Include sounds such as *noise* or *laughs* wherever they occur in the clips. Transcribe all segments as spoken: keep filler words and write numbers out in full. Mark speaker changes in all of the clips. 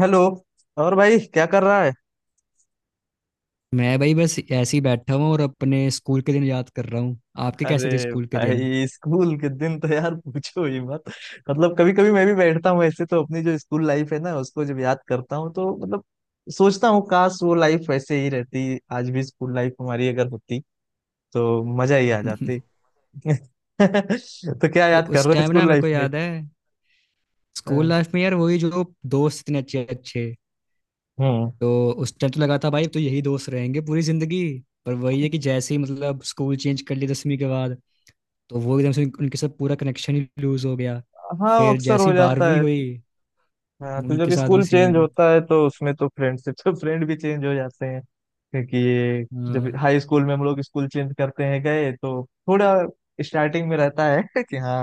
Speaker 1: Hello. और भाई क्या कर रहा है?
Speaker 2: मैं भाई बस ऐसे ही बैठा हूँ और अपने स्कूल के दिन याद कर रहा हूँ। आपके कैसे थे
Speaker 1: अरे
Speaker 2: स्कूल के दिन?
Speaker 1: भाई स्कूल के दिन तो यार पूछो ही मत। मतलब कभी कभी मैं भी बैठता हूँ ऐसे तो अपनी जो स्कूल लाइफ है ना उसको जब याद करता हूँ तो मतलब सोचता हूँ काश वो लाइफ वैसे ही रहती। आज भी स्कूल लाइफ हमारी अगर होती तो मजा ही आ जाती।
Speaker 2: *laughs*
Speaker 1: *laughs* तो क्या
Speaker 2: तो
Speaker 1: याद कर
Speaker 2: उस
Speaker 1: रहे हो
Speaker 2: टाइम ना
Speaker 1: स्कूल
Speaker 2: मेरे को
Speaker 1: लाइफ में?
Speaker 2: याद है।
Speaker 1: अ,
Speaker 2: स्कूल लाइफ में यार वही जो दोस्त इतने अच्छे अच्छे।
Speaker 1: हम्म।
Speaker 2: तो उस टाइम तो लगा था भाई तो यही दोस्त रहेंगे पूरी जिंदगी। पर वही है कि जैसे ही मतलब स्कूल चेंज कर लिया दसवीं के बाद, तो वो एकदम से उन- उनके साथ पूरा कनेक्शन ही लूज हो गया।
Speaker 1: हाँ वो
Speaker 2: फिर
Speaker 1: अक्सर हो
Speaker 2: जैसी
Speaker 1: जाता
Speaker 2: बारहवीं
Speaker 1: है।
Speaker 2: हुई
Speaker 1: हाँ तो
Speaker 2: उनके
Speaker 1: जब
Speaker 2: साथ भी
Speaker 1: स्कूल चेंज
Speaker 2: सेम।
Speaker 1: होता है तो उसमें तो फ्रेंडशिप तो फ्रेंड भी चेंज हो जाते हैं क्योंकि ये जब हाई स्कूल में हम लोग स्कूल चेंज करते हैं गए तो थोड़ा स्टार्टिंग में रहता है *laughs* कि हाँ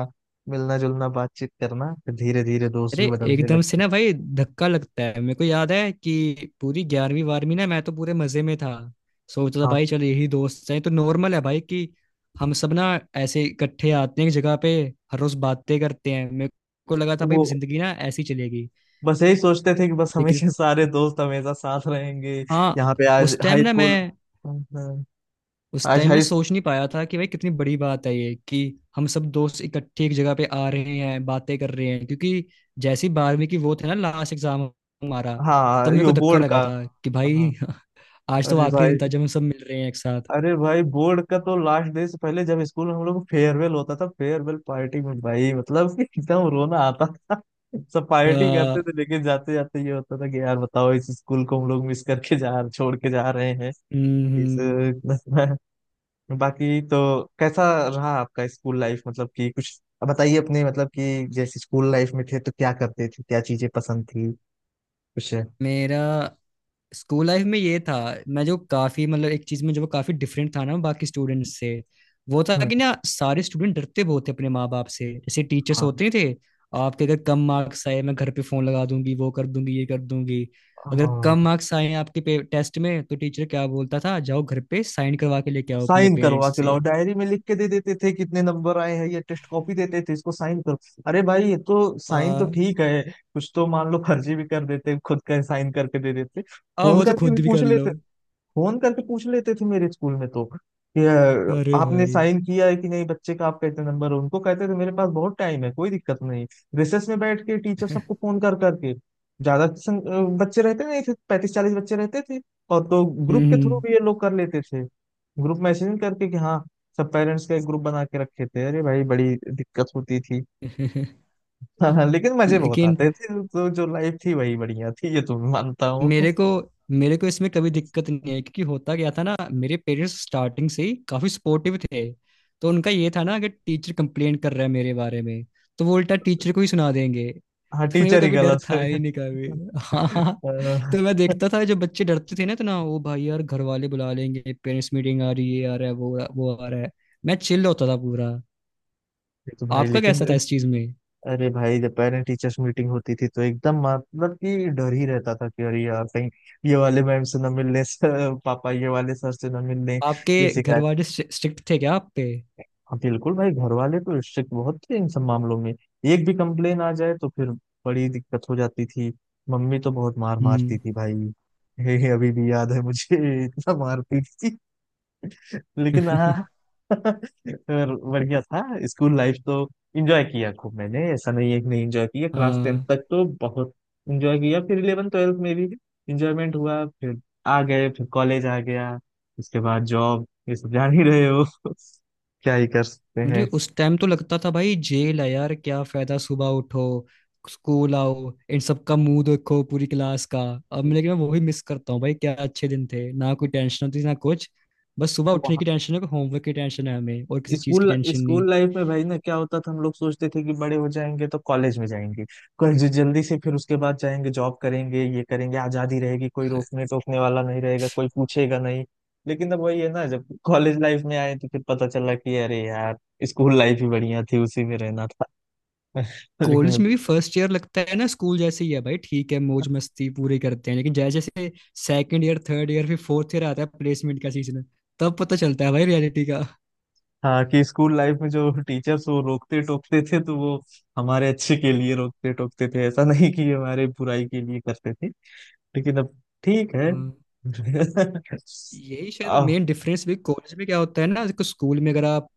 Speaker 1: मिलना जुलना बातचीत करना फिर धीरे धीरे दोस्त
Speaker 2: अरे
Speaker 1: भी बदलने
Speaker 2: एकदम से
Speaker 1: लगते।
Speaker 2: ना भाई धक्का लगता है। मेरे को याद है कि पूरी ग्यारहवीं बारहवीं ना मैं तो पूरे मजे में था। सोचता था
Speaker 1: हाँ।
Speaker 2: भाई चल यही दोस्त हैं तो नॉर्मल है भाई कि हम सब ना ऐसे इकट्ठे आते हैं एक जगह पे, हर रोज बातें करते हैं। मेरे को लगा था भाई
Speaker 1: वो
Speaker 2: जिंदगी ना ऐसी चलेगी।
Speaker 1: बस यही सोचते थे कि बस
Speaker 2: लेकिन
Speaker 1: हमेशा सारे दोस्त हमेशा साथ रहेंगे।
Speaker 2: हाँ,
Speaker 1: यहाँ पे आज
Speaker 2: उस टाइम
Speaker 1: हाई
Speaker 2: ना
Speaker 1: स्कूल।
Speaker 2: मैं
Speaker 1: हम्म, हम्म,
Speaker 2: उस
Speaker 1: आज
Speaker 2: टाइम मैं
Speaker 1: हाई।
Speaker 2: सोच नहीं पाया था कि भाई कितनी बड़ी बात है ये, कि हम सब दोस्त इकट्ठे एक जगह पे आ रहे हैं बातें कर रहे हैं। क्योंकि जैसी बारहवीं की वो थे ना लास्ट एग्जाम हमारा, तब
Speaker 1: हाँ
Speaker 2: मेरे को
Speaker 1: यो
Speaker 2: धक्का
Speaker 1: बोर्ड का।
Speaker 2: लगा था कि भाई
Speaker 1: हाँ।
Speaker 2: *laughs* आज तो
Speaker 1: अरे
Speaker 2: आखिरी
Speaker 1: भाई,
Speaker 2: दिन था जब हम सब मिल रहे हैं एक साथ।
Speaker 1: अरे भाई बोर्ड का तो लास्ट डे से पहले जब स्कूल में हम लोग फेयरवेल होता था, फेयरवेल पार्टी में भाई मतलब *laughs* कि एकदम रोना आता था। सब पार्टी
Speaker 2: अ,
Speaker 1: करते थे लेकिन जाते जाते ये होता था कि यार बताओ इस स्कूल को हम लोग मिस करके जा छोड़ के जा रहे हैं
Speaker 2: हम्म,
Speaker 1: इस
Speaker 2: हम्म।
Speaker 1: *laughs* बाकी तो कैसा रहा आपका स्कूल लाइफ? मतलब कि कुछ अब बताइए अपने, मतलब कि जैसे स्कूल लाइफ में थे तो क्या करते थे, क्या चीजें पसंद थी, कुछ है?
Speaker 2: मेरा स्कूल लाइफ में ये था, मैं जो काफी मतलब एक चीज में जो काफी डिफरेंट था ना बाकी स्टूडेंट्स से, वो था
Speaker 1: हम्म।
Speaker 2: कि ना सारे स्टूडेंट डरते बहुत थे अपने माँ बाप से। जैसे टीचर्स होते थे, आपके अगर कम मार्क्स आए मैं घर पे फोन लगा दूंगी, वो कर दूंगी, ये कर दूंगी। अगर
Speaker 1: हाँ,
Speaker 2: कम मार्क्स आए आपके टेस्ट में तो टीचर क्या बोलता था, जाओ घर पे साइन करवा के लेके आओ अपने
Speaker 1: साइन करवा
Speaker 2: पेरेंट्स
Speaker 1: के लाओ
Speaker 2: से।
Speaker 1: डायरी में लिख के दे देते थे कितने नंबर आए हैं या टेस्ट कॉपी देते थे इसको साइन करो। अरे भाई ये तो साइन तो
Speaker 2: हाँ,
Speaker 1: ठीक है, कुछ तो मान लो फर्जी भी कर देते खुद का साइन करके दे देते।
Speaker 2: अब
Speaker 1: फोन
Speaker 2: वो तो
Speaker 1: करके भी
Speaker 2: खुद भी
Speaker 1: पूछ
Speaker 2: कर लो।
Speaker 1: लेते। फोन करके पूछ लेते थे मेरे स्कूल में तो कि अ,
Speaker 2: अरे
Speaker 1: आपने
Speaker 2: भाई!
Speaker 1: साइन किया है कि नहीं, बच्चे का आपका इतना नंबर है, उनको कहते थे मेरे पास बहुत टाइम है कोई दिक्कत नहीं। रिसेस में बैठ के टीचर सबको
Speaker 2: *laughs*
Speaker 1: फोन कर करके ज्यादा संग- अ, बच्चे रहते नहीं थे, पैंतीस चालीस बच्चे रहते थे। और तो ग्रुप के थ्रू
Speaker 2: हम्म।
Speaker 1: भी ये लोग कर लेते थे। ग्रुप मैसेजिंग करके कि हाँ सब पेरेंट्स का एक ग्रुप बना के रखे थे। अरे भाई बड़ी दिक्कत होती थी।
Speaker 2: *laughs*
Speaker 1: हाँ हाँ लेकिन मजे बहुत
Speaker 2: लेकिन
Speaker 1: आते थे तो जो लाइफ थी वही बढ़िया थी ये तो मैं मानता हूँ।
Speaker 2: मेरे को मेरे को इसमें कभी दिक्कत नहीं है, क्योंकि होता क्या था ना मेरे पेरेंट्स स्टार्टिंग से ही काफी सपोर्टिव थे। तो उनका ये था ना, अगर टीचर कंप्लेन कर रहा है मेरे बारे में तो वो उल्टा टीचर को ही सुना देंगे।
Speaker 1: हाँ
Speaker 2: तो मेरे
Speaker 1: टीचर
Speaker 2: को
Speaker 1: ही
Speaker 2: कभी डर
Speaker 1: गलत
Speaker 2: था
Speaker 1: है।
Speaker 2: ही नहीं कभी। *laughs* हाँ, हाँ।
Speaker 1: अ,
Speaker 2: तो मैं देखता था जो बच्चे डरते थे ना, तो ना वो भाई यार घर वाले बुला लेंगे, पेरेंट्स मीटिंग आ रही है, आ रहा है वो वो आ रहा है। मैं चिल्ल होता था पूरा।
Speaker 1: ये तो भाई
Speaker 2: आपका
Speaker 1: लेकिन
Speaker 2: कैसा था इस चीज में?
Speaker 1: अरे भाई जब पेरेंट टीचर्स मीटिंग होती थी तो एकदम मतलब कि डर ही रहता था कि अरे यार कहीं ये वाले मैम से ना मिलने से, पापा ये वाले सर से ना मिलने
Speaker 2: आपके
Speaker 1: ये
Speaker 2: घर
Speaker 1: शिकायत।
Speaker 2: वाले स्ट्रिक्ट थे क्या आप पे?
Speaker 1: हाँ बिल्कुल भाई घर वाले तो स्ट्रिक्ट बहुत थे इन सब मामलों में, एक भी कंप्लेन आ जाए तो फिर बड़ी दिक्कत हो जाती थी। मम्मी तो बहुत मार मारती
Speaker 2: हम्म।
Speaker 1: थी भाई। *laughs* हे हे, अभी भी याद है मुझे, इतना मारती थी। लेकिन हाँ
Speaker 2: *laughs*
Speaker 1: *laughs* और बढ़िया था स्कूल लाइफ तो। एंजॉय किया खूब मैंने, ऐसा नहीं है कि नहीं एंजॉय किया, क्लास टेंथ
Speaker 2: हाँ,
Speaker 1: तक तो बहुत एंजॉय किया, फिर इलेवन ट्वेल्थ में भी एंजॉयमेंट हुआ, फिर आ गए, फिर कॉलेज आ गया, उसके बाद जॉब ये सब जान ही रहे हो। *laughs* क्या ही कर
Speaker 2: मुझे
Speaker 1: सकते
Speaker 2: उस टाइम तो लगता था भाई जेल है यार, क्या फायदा, सुबह उठो, स्कूल आओ, इन सब का मुंह देखो पूरी क्लास का। अब मैं- लेकिन मैं वही मिस करता हूँ भाई, क्या अच्छे दिन थे ना, कोई टेंशन होती ना कुछ, बस सुबह उठने
Speaker 1: हैं।
Speaker 2: की टेंशन है, होमवर्क की टेंशन है, हमें और किसी चीज की
Speaker 1: स्कूल
Speaker 2: टेंशन नहीं।
Speaker 1: स्कूल लाइफ में भाई ना क्या होता था, हम लोग सोचते थे कि बड़े हो जाएंगे तो कॉलेज में जाएंगे, कॉलेज जल्दी से, फिर उसके बाद जाएंगे जॉब करेंगे ये करेंगे, आजादी रहेगी, कोई रोकने टोकने वाला नहीं रहेगा, कोई पूछेगा नहीं। लेकिन अब वही है ना, जब कॉलेज लाइफ में आए तो फिर पता चला कि अरे यार स्कूल लाइफ ही बढ़िया थी, उसी में रहना था। *laughs*
Speaker 2: कॉलेज
Speaker 1: लेकिन
Speaker 2: में भी फर्स्ट ईयर लगता है ना स्कूल जैसे ही है भाई, ठीक है मौज मस्ती पूरी करते हैं, लेकिन जैसे जैसे सेकंड ईयर, थर्ड ईयर, फिर फोर्थ ईयर आता है प्लेसमेंट का सीजन, तब पता चलता है भाई रियलिटी का।
Speaker 1: हाँ, कि स्कूल लाइफ में जो टीचर्स वो रोकते टोकते थे तो वो हमारे अच्छे के लिए
Speaker 2: हाँ।
Speaker 1: रोकते टोकते थे, ऐसा नहीं कि हमारे बुराई के लिए करते थे। लेकिन अब ठीक है।
Speaker 2: हाँ।
Speaker 1: *laughs*
Speaker 2: यही शायद
Speaker 1: अब
Speaker 2: मेन डिफरेंस भी। कॉलेज में क्या होता है ना, देखो स्कूल में अगर आप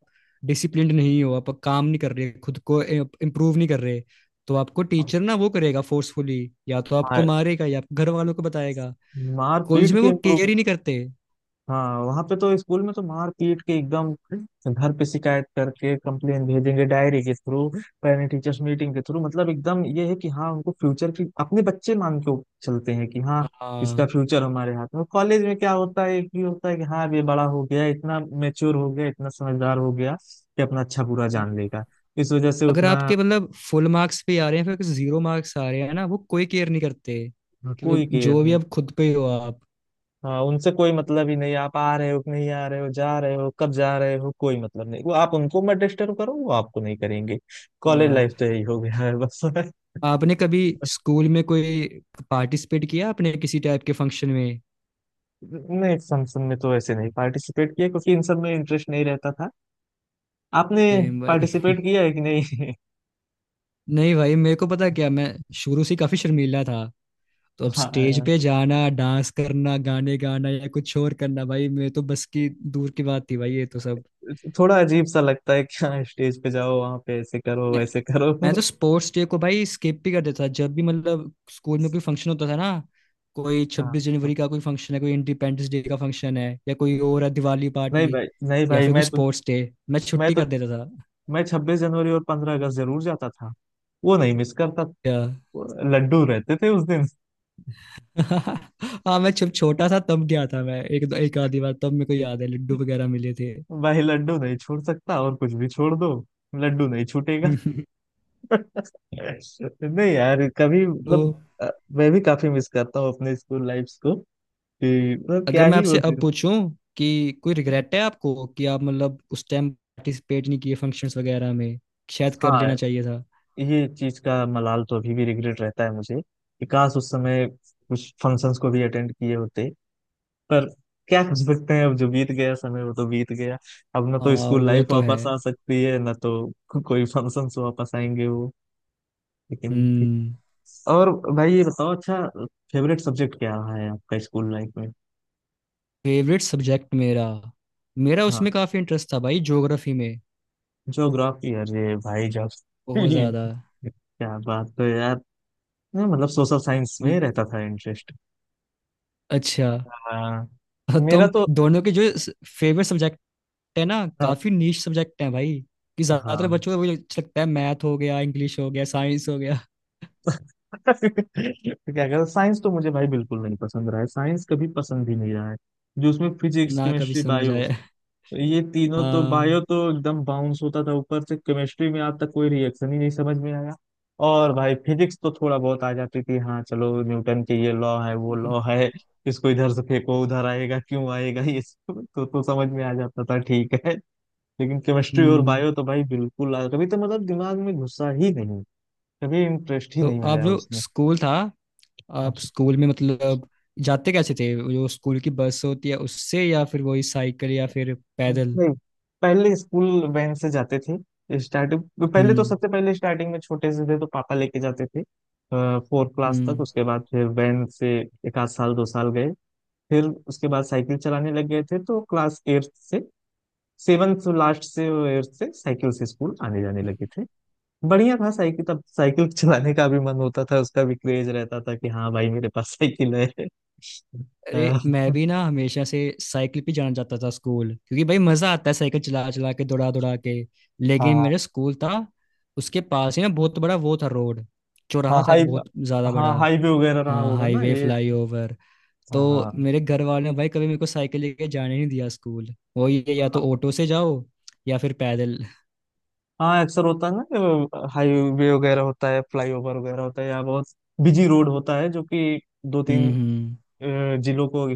Speaker 2: डिसिप्लिन नहीं हो, आप काम नहीं कर रहे, खुद को इम्प्रूव नहीं कर रहे, तो आपको टीचर ना वो करेगा फोर्सफुली, या तो आपको
Speaker 1: हाँ
Speaker 2: मारेगा या घर वालों को बताएगा।
Speaker 1: मार
Speaker 2: कॉलेज
Speaker 1: पीट
Speaker 2: में
Speaker 1: के
Speaker 2: वो
Speaker 1: इम्प्रूव।
Speaker 2: केयर ही नहीं करते।
Speaker 1: हाँ वहां पे तो स्कूल में तो मार पीट के एकदम घर पे शिकायत करके कंप्लेन भेजेंगे डायरी के थ्रू, पेरेंट टीचर्स मीटिंग के थ्रू, मतलब एकदम ये है कि हाँ उनको फ्यूचर की अपने बच्चे मान के चलते हैं कि हाँ इसका
Speaker 2: हाँ।
Speaker 1: फ्यूचर हमारे हाथ में। कॉलेज में क्या होता है, एक ही होता है कि हाँ अब ये बड़ा हो गया, इतना मेच्योर हो गया, इतना समझदार हो गया कि अपना अच्छा बुरा जान
Speaker 2: हाँ।
Speaker 1: लेगा, इस वजह से
Speaker 2: अगर
Speaker 1: उतना
Speaker 2: आपके मतलब फुल मार्क्स पे आ रहे हैं फिर जीरो मार्क्स आ रहे हैं ना, वो कोई केयर नहीं करते कि
Speaker 1: कोई
Speaker 2: मतलब जो
Speaker 1: केयर।
Speaker 2: भी आप खुद पे हो आप।
Speaker 1: हाँ उनसे कोई मतलब ही नहीं, आप आ रहे हो कि नहीं आ रहे हो, जा रहे हो कब जा रहे हो, कोई मतलब नहीं, वो आप उनको मत डिस्टर्ब करो वो आपको नहीं करेंगे। कॉलेज
Speaker 2: हाँ।
Speaker 1: लाइफ तो यही हो गया है बस। *laughs*
Speaker 2: आपने कभी स्कूल में कोई पार्टिसिपेट किया? आपने किसी टाइप के फंक्शन में?
Speaker 1: नहीं, फंक्शन में तो ऐसे नहीं पार्टिसिपेट किया क्योंकि इन सब में इंटरेस्ट नहीं रहता था। आपने
Speaker 2: सेम भाई।
Speaker 1: पार्टिसिपेट किया है कि नहीं?
Speaker 2: नहीं भाई, मेरे को पता क्या, मैं शुरू से ही काफी शर्मीला था, तो
Speaker 1: *laughs*
Speaker 2: अब
Speaker 1: हाँ
Speaker 2: स्टेज
Speaker 1: यार,
Speaker 2: पे जाना, डांस करना, गाने गाना या कुछ और करना भाई मैं तो बस की दूर की बात थी भाई, ये तो सब।
Speaker 1: थोड़ा अजीब सा लगता है कि हाँ स्टेज पे जाओ वहां पे ऐसे करो
Speaker 2: मैं
Speaker 1: वैसे करो।
Speaker 2: मैं तो
Speaker 1: *laughs*
Speaker 2: स्पोर्ट्स डे को भाई स्किप भी कर देता था, जब भी मतलब स्कूल में कोई फंक्शन होता था ना, कोई
Speaker 1: हाँ
Speaker 2: छब्बीस
Speaker 1: हाँ।
Speaker 2: जनवरी का कोई फंक्शन है, कोई इंडिपेंडेंस डे का फंक्शन है, या कोई और है दिवाली
Speaker 1: नहीं
Speaker 2: पार्टी,
Speaker 1: भाई नहीं
Speaker 2: या
Speaker 1: भाई
Speaker 2: फिर कोई
Speaker 1: मैं तो
Speaker 2: स्पोर्ट्स डे, मैं
Speaker 1: मैं
Speaker 2: छुट्टी
Speaker 1: तो
Speaker 2: कर देता था।
Speaker 1: मैं छब्बीस जनवरी और पंद्रह अगस्त जरूर जाता था, वो नहीं मिस करता,
Speaker 2: या
Speaker 1: लड्डू रहते थे उस दिन।
Speaker 2: *laughs* हाँ, मैं जब छोटा था तब गया था मैं एक एक आधी बार, तब मेरे को याद है लड्डू वगैरह मिले थे।
Speaker 1: भाई लड्डू नहीं छोड़ सकता, और कुछ भी छोड़ दो लड्डू नहीं छूटेगा।
Speaker 2: *laughs*
Speaker 1: *laughs* नहीं यार कभी
Speaker 2: तो
Speaker 1: मतलब अ, मैं भी काफी मिस करता हूँ अपने स्कूल लाइफ्स को कि मतलब
Speaker 2: अगर
Speaker 1: क्या
Speaker 2: मैं
Speaker 1: ही वो
Speaker 2: आपसे अब
Speaker 1: दिन।
Speaker 2: पूछूं कि कोई रिग्रेट है आपको कि आप मतलब उस टाइम पार्टिसिपेट नहीं किए फंक्शंस वगैरह में, शायद कर
Speaker 1: हाँ
Speaker 2: लेना चाहिए था।
Speaker 1: ये चीज का मलाल तो अभी भी रिग्रेट रहता है मुझे कि काश उस समय कुछ फंक्शंस को भी अटेंड किए होते, पर क्या कर सकते हैं, अब जो बीत गया समय वो तो बीत गया, अब ना
Speaker 2: आ,
Speaker 1: तो स्कूल
Speaker 2: वो
Speaker 1: लाइफ
Speaker 2: तो है।
Speaker 1: वापस आ सकती है ना तो कोई फंक्शंस वापस आएंगे वो। लेकिन ठीक।
Speaker 2: हम्म।
Speaker 1: और भाई ये बताओ, अच्छा, फेवरेट सब्जेक्ट क्या रहा है आपका स्कूल लाइफ में?
Speaker 2: फेवरेट सब्जेक्ट मेरा मेरा
Speaker 1: हाँ
Speaker 2: उसमें काफी इंटरेस्ट था भाई ज्योग्राफी में,
Speaker 1: ज्योग्राफी, अरे भाई
Speaker 2: बहुत ज्यादा।
Speaker 1: ज्योग्राफी। *laughs* क्या बात है यार। नहीं, मतलब सोशल साइंस में रहता था इंटरेस्ट।
Speaker 2: अच्छा।
Speaker 1: हाँ मेरा
Speaker 2: तुम
Speaker 1: तो।
Speaker 2: दोनों के जो फेवरेट सब्जेक्ट है ना
Speaker 1: हाँ
Speaker 2: काफी नीश सब्जेक्ट है भाई, कि ज्यादातर
Speaker 1: हाँ।
Speaker 2: बच्चों को वही अच्छा लगता है, मैथ हो गया, इंग्लिश हो गया, साइंस हो गया।
Speaker 1: *laughs* तो क्या कहते, साइंस तो मुझे भाई बिल्कुल नहीं पसंद रहा है, साइंस कभी पसंद ही नहीं रहा है, जो उसमें फिजिक्स
Speaker 2: ना कभी
Speaker 1: केमिस्ट्री
Speaker 2: समझ
Speaker 1: बायो
Speaker 2: आया।
Speaker 1: ये तीनों तो, बायो
Speaker 2: हाँ।
Speaker 1: तो एकदम बाउंस होता था ऊपर से, केमिस्ट्री में आज तक कोई रिएक्शन ही नहीं समझ में आया, और भाई फिजिक्स तो थोड़ा बहुत आ जाती थी, हाँ चलो न्यूटन के ये लॉ है वो लॉ है, इसको इधर से फेंको उधर आएगा क्यों आएगा ये सब *laughs* तो, तो समझ में आ जाता था ठीक है, लेकिन केमिस्ट्री और
Speaker 2: हम्म।
Speaker 1: बायो तो भाई बिल्कुल आ- कभी तो मतलब दिमाग में घुसा ही नहीं, कभी इंटरेस्ट ही
Speaker 2: तो
Speaker 1: नहीं
Speaker 2: आप
Speaker 1: आया
Speaker 2: जो
Speaker 1: उसमें।
Speaker 2: स्कूल था, आप स्कूल में मतलब जाते कैसे थे, वो जो स्कूल की बस होती है उससे या फिर वही साइकिल या फिर पैदल?
Speaker 1: नहीं, पहले स्कूल वैन से जाते थे स्टार्टिंग, पहले तो
Speaker 2: हम्म,
Speaker 1: सबसे पहले स्टार्टिंग में छोटे से थे तो पापा लेके जाते थे फोर्थ क्लास तक,
Speaker 2: हम्म।
Speaker 1: उसके बाद फिर वैन से एक आध साल दो साल गए, फिर उसके बाद साइकिल चलाने लग गए थे तो क्लास एट्थ से, सेवन से लास्ट से एट्थ से साइकिल से स्कूल आने जाने लगे थे। बढ़िया था साइकिल, तब साइकिल *laughs* चलाने का भी मन होता था, उसका भी क्रेज रहता था कि हाँ भाई मेरे पास साइकिल है। *laughs* अ,
Speaker 2: अरे मैं भी ना हमेशा से साइकिल पे जाना चाहता था स्कूल, क्योंकि भाई मजा आता है साइकिल चला चला के, दौड़ा दौड़ा के। लेकिन
Speaker 1: हाँ।
Speaker 2: मेरा स्कूल था उसके पास ही ना बहुत बड़ा वो था रोड,
Speaker 1: हाँ
Speaker 2: चौराहा था एक
Speaker 1: हाई,
Speaker 2: बहुत ज्यादा
Speaker 1: हाँ
Speaker 2: बड़ा,
Speaker 1: हाईवे वगैरह रहा
Speaker 2: हाँ
Speaker 1: होगा ना
Speaker 2: हाईवे
Speaker 1: ये।
Speaker 2: फ्लाईओवर, तो
Speaker 1: हाँ,
Speaker 2: मेरे घर वालों ने भाई कभी मेरे को साइकिल लेके जाने नहीं दिया स्कूल, वो ये या तो ऑटो से जाओ या फिर पैदल।
Speaker 1: हाँ अक्सर होता है ना कि हाईवे वगैरह होता है, फ्लाईओवर वगैरह होता है, या बहुत बिजी रोड होता है जो कि दो तीन
Speaker 2: हम्म, हम्म।
Speaker 1: अ, जिलों को,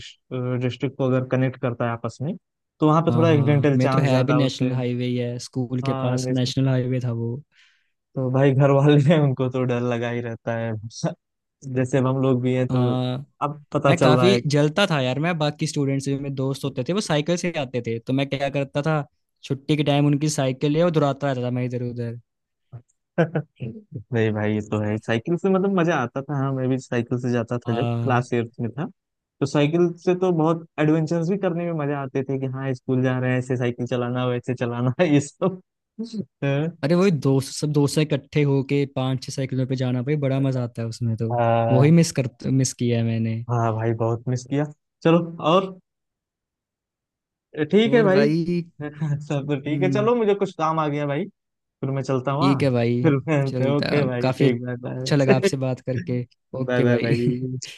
Speaker 1: डिस्ट्रिक्ट को अगर कनेक्ट करता है आपस में तो वहाँ पे
Speaker 2: हाँ,
Speaker 1: थोड़ा
Speaker 2: हाँ,
Speaker 1: एक्सीडेंटल
Speaker 2: मैं तो
Speaker 1: चांस
Speaker 2: है भी
Speaker 1: ज्यादा होते
Speaker 2: नेशनल
Speaker 1: हैं।
Speaker 2: हाईवे ही है, स्कूल के
Speaker 1: हाँ
Speaker 2: पास
Speaker 1: जैसे
Speaker 2: नेशनल हाईवे था वो।
Speaker 1: तो भाई घर वाले हैं उनको तो डर लगा ही रहता है। *laughs* जैसे अब हम लोग भी हैं तो
Speaker 2: हाँ।
Speaker 1: अब पता
Speaker 2: मैं
Speaker 1: चल रहा
Speaker 2: काफी
Speaker 1: है।
Speaker 2: जलता था यार, मैं बाकी स्टूडेंट्स जो मेरे दोस्त होते थे वो साइकिल से आते थे, तो मैं क्या करता था छुट्टी के टाइम उनकी साइकिल ले और दौड़ाता रहता था मैं इधर उधर।
Speaker 1: नहीं भाई ये तो है, साइकिल से मतलब मजा आता था, हाँ मैं भी साइकिल से जाता था जब
Speaker 2: हाँ।
Speaker 1: क्लास एट्थ में था, तो साइकिल से तो बहुत एडवेंचर्स भी करने में मजा आते थे कि हाँ स्कूल जा रहे हैं, ऐसे साइकिल चलाना वैसे चलाना *laughs* ये सब।
Speaker 2: अरे वही दोस्त, सब दोस्त इकट्ठे होके पांच छह साइकिलों पे जाना भाई बड़ा मजा आता है उसमें तो। वही
Speaker 1: हाँ।
Speaker 2: मिस कर मिस किया है मैंने।
Speaker 1: हाँ भाई बहुत मिस किया। चलो, और ठीक है
Speaker 2: और
Speaker 1: भाई।
Speaker 2: भाई।
Speaker 1: *laughs* सब तो ठीक है,
Speaker 2: हम्म।
Speaker 1: चलो मुझे कुछ काम आ गया भाई, फिर मैं चलता हूँ हाँ।
Speaker 2: ठीक है
Speaker 1: *laughs*
Speaker 2: भाई।
Speaker 1: फिर मैं,
Speaker 2: चलता,
Speaker 1: ओके भाई
Speaker 2: काफी
Speaker 1: ठीक, बाय
Speaker 2: अच्छा लगा
Speaker 1: बाय।
Speaker 2: आपसे बात करके।
Speaker 1: *laughs* बाय
Speaker 2: ओके
Speaker 1: बाय
Speaker 2: भाई। *laughs*
Speaker 1: भाई।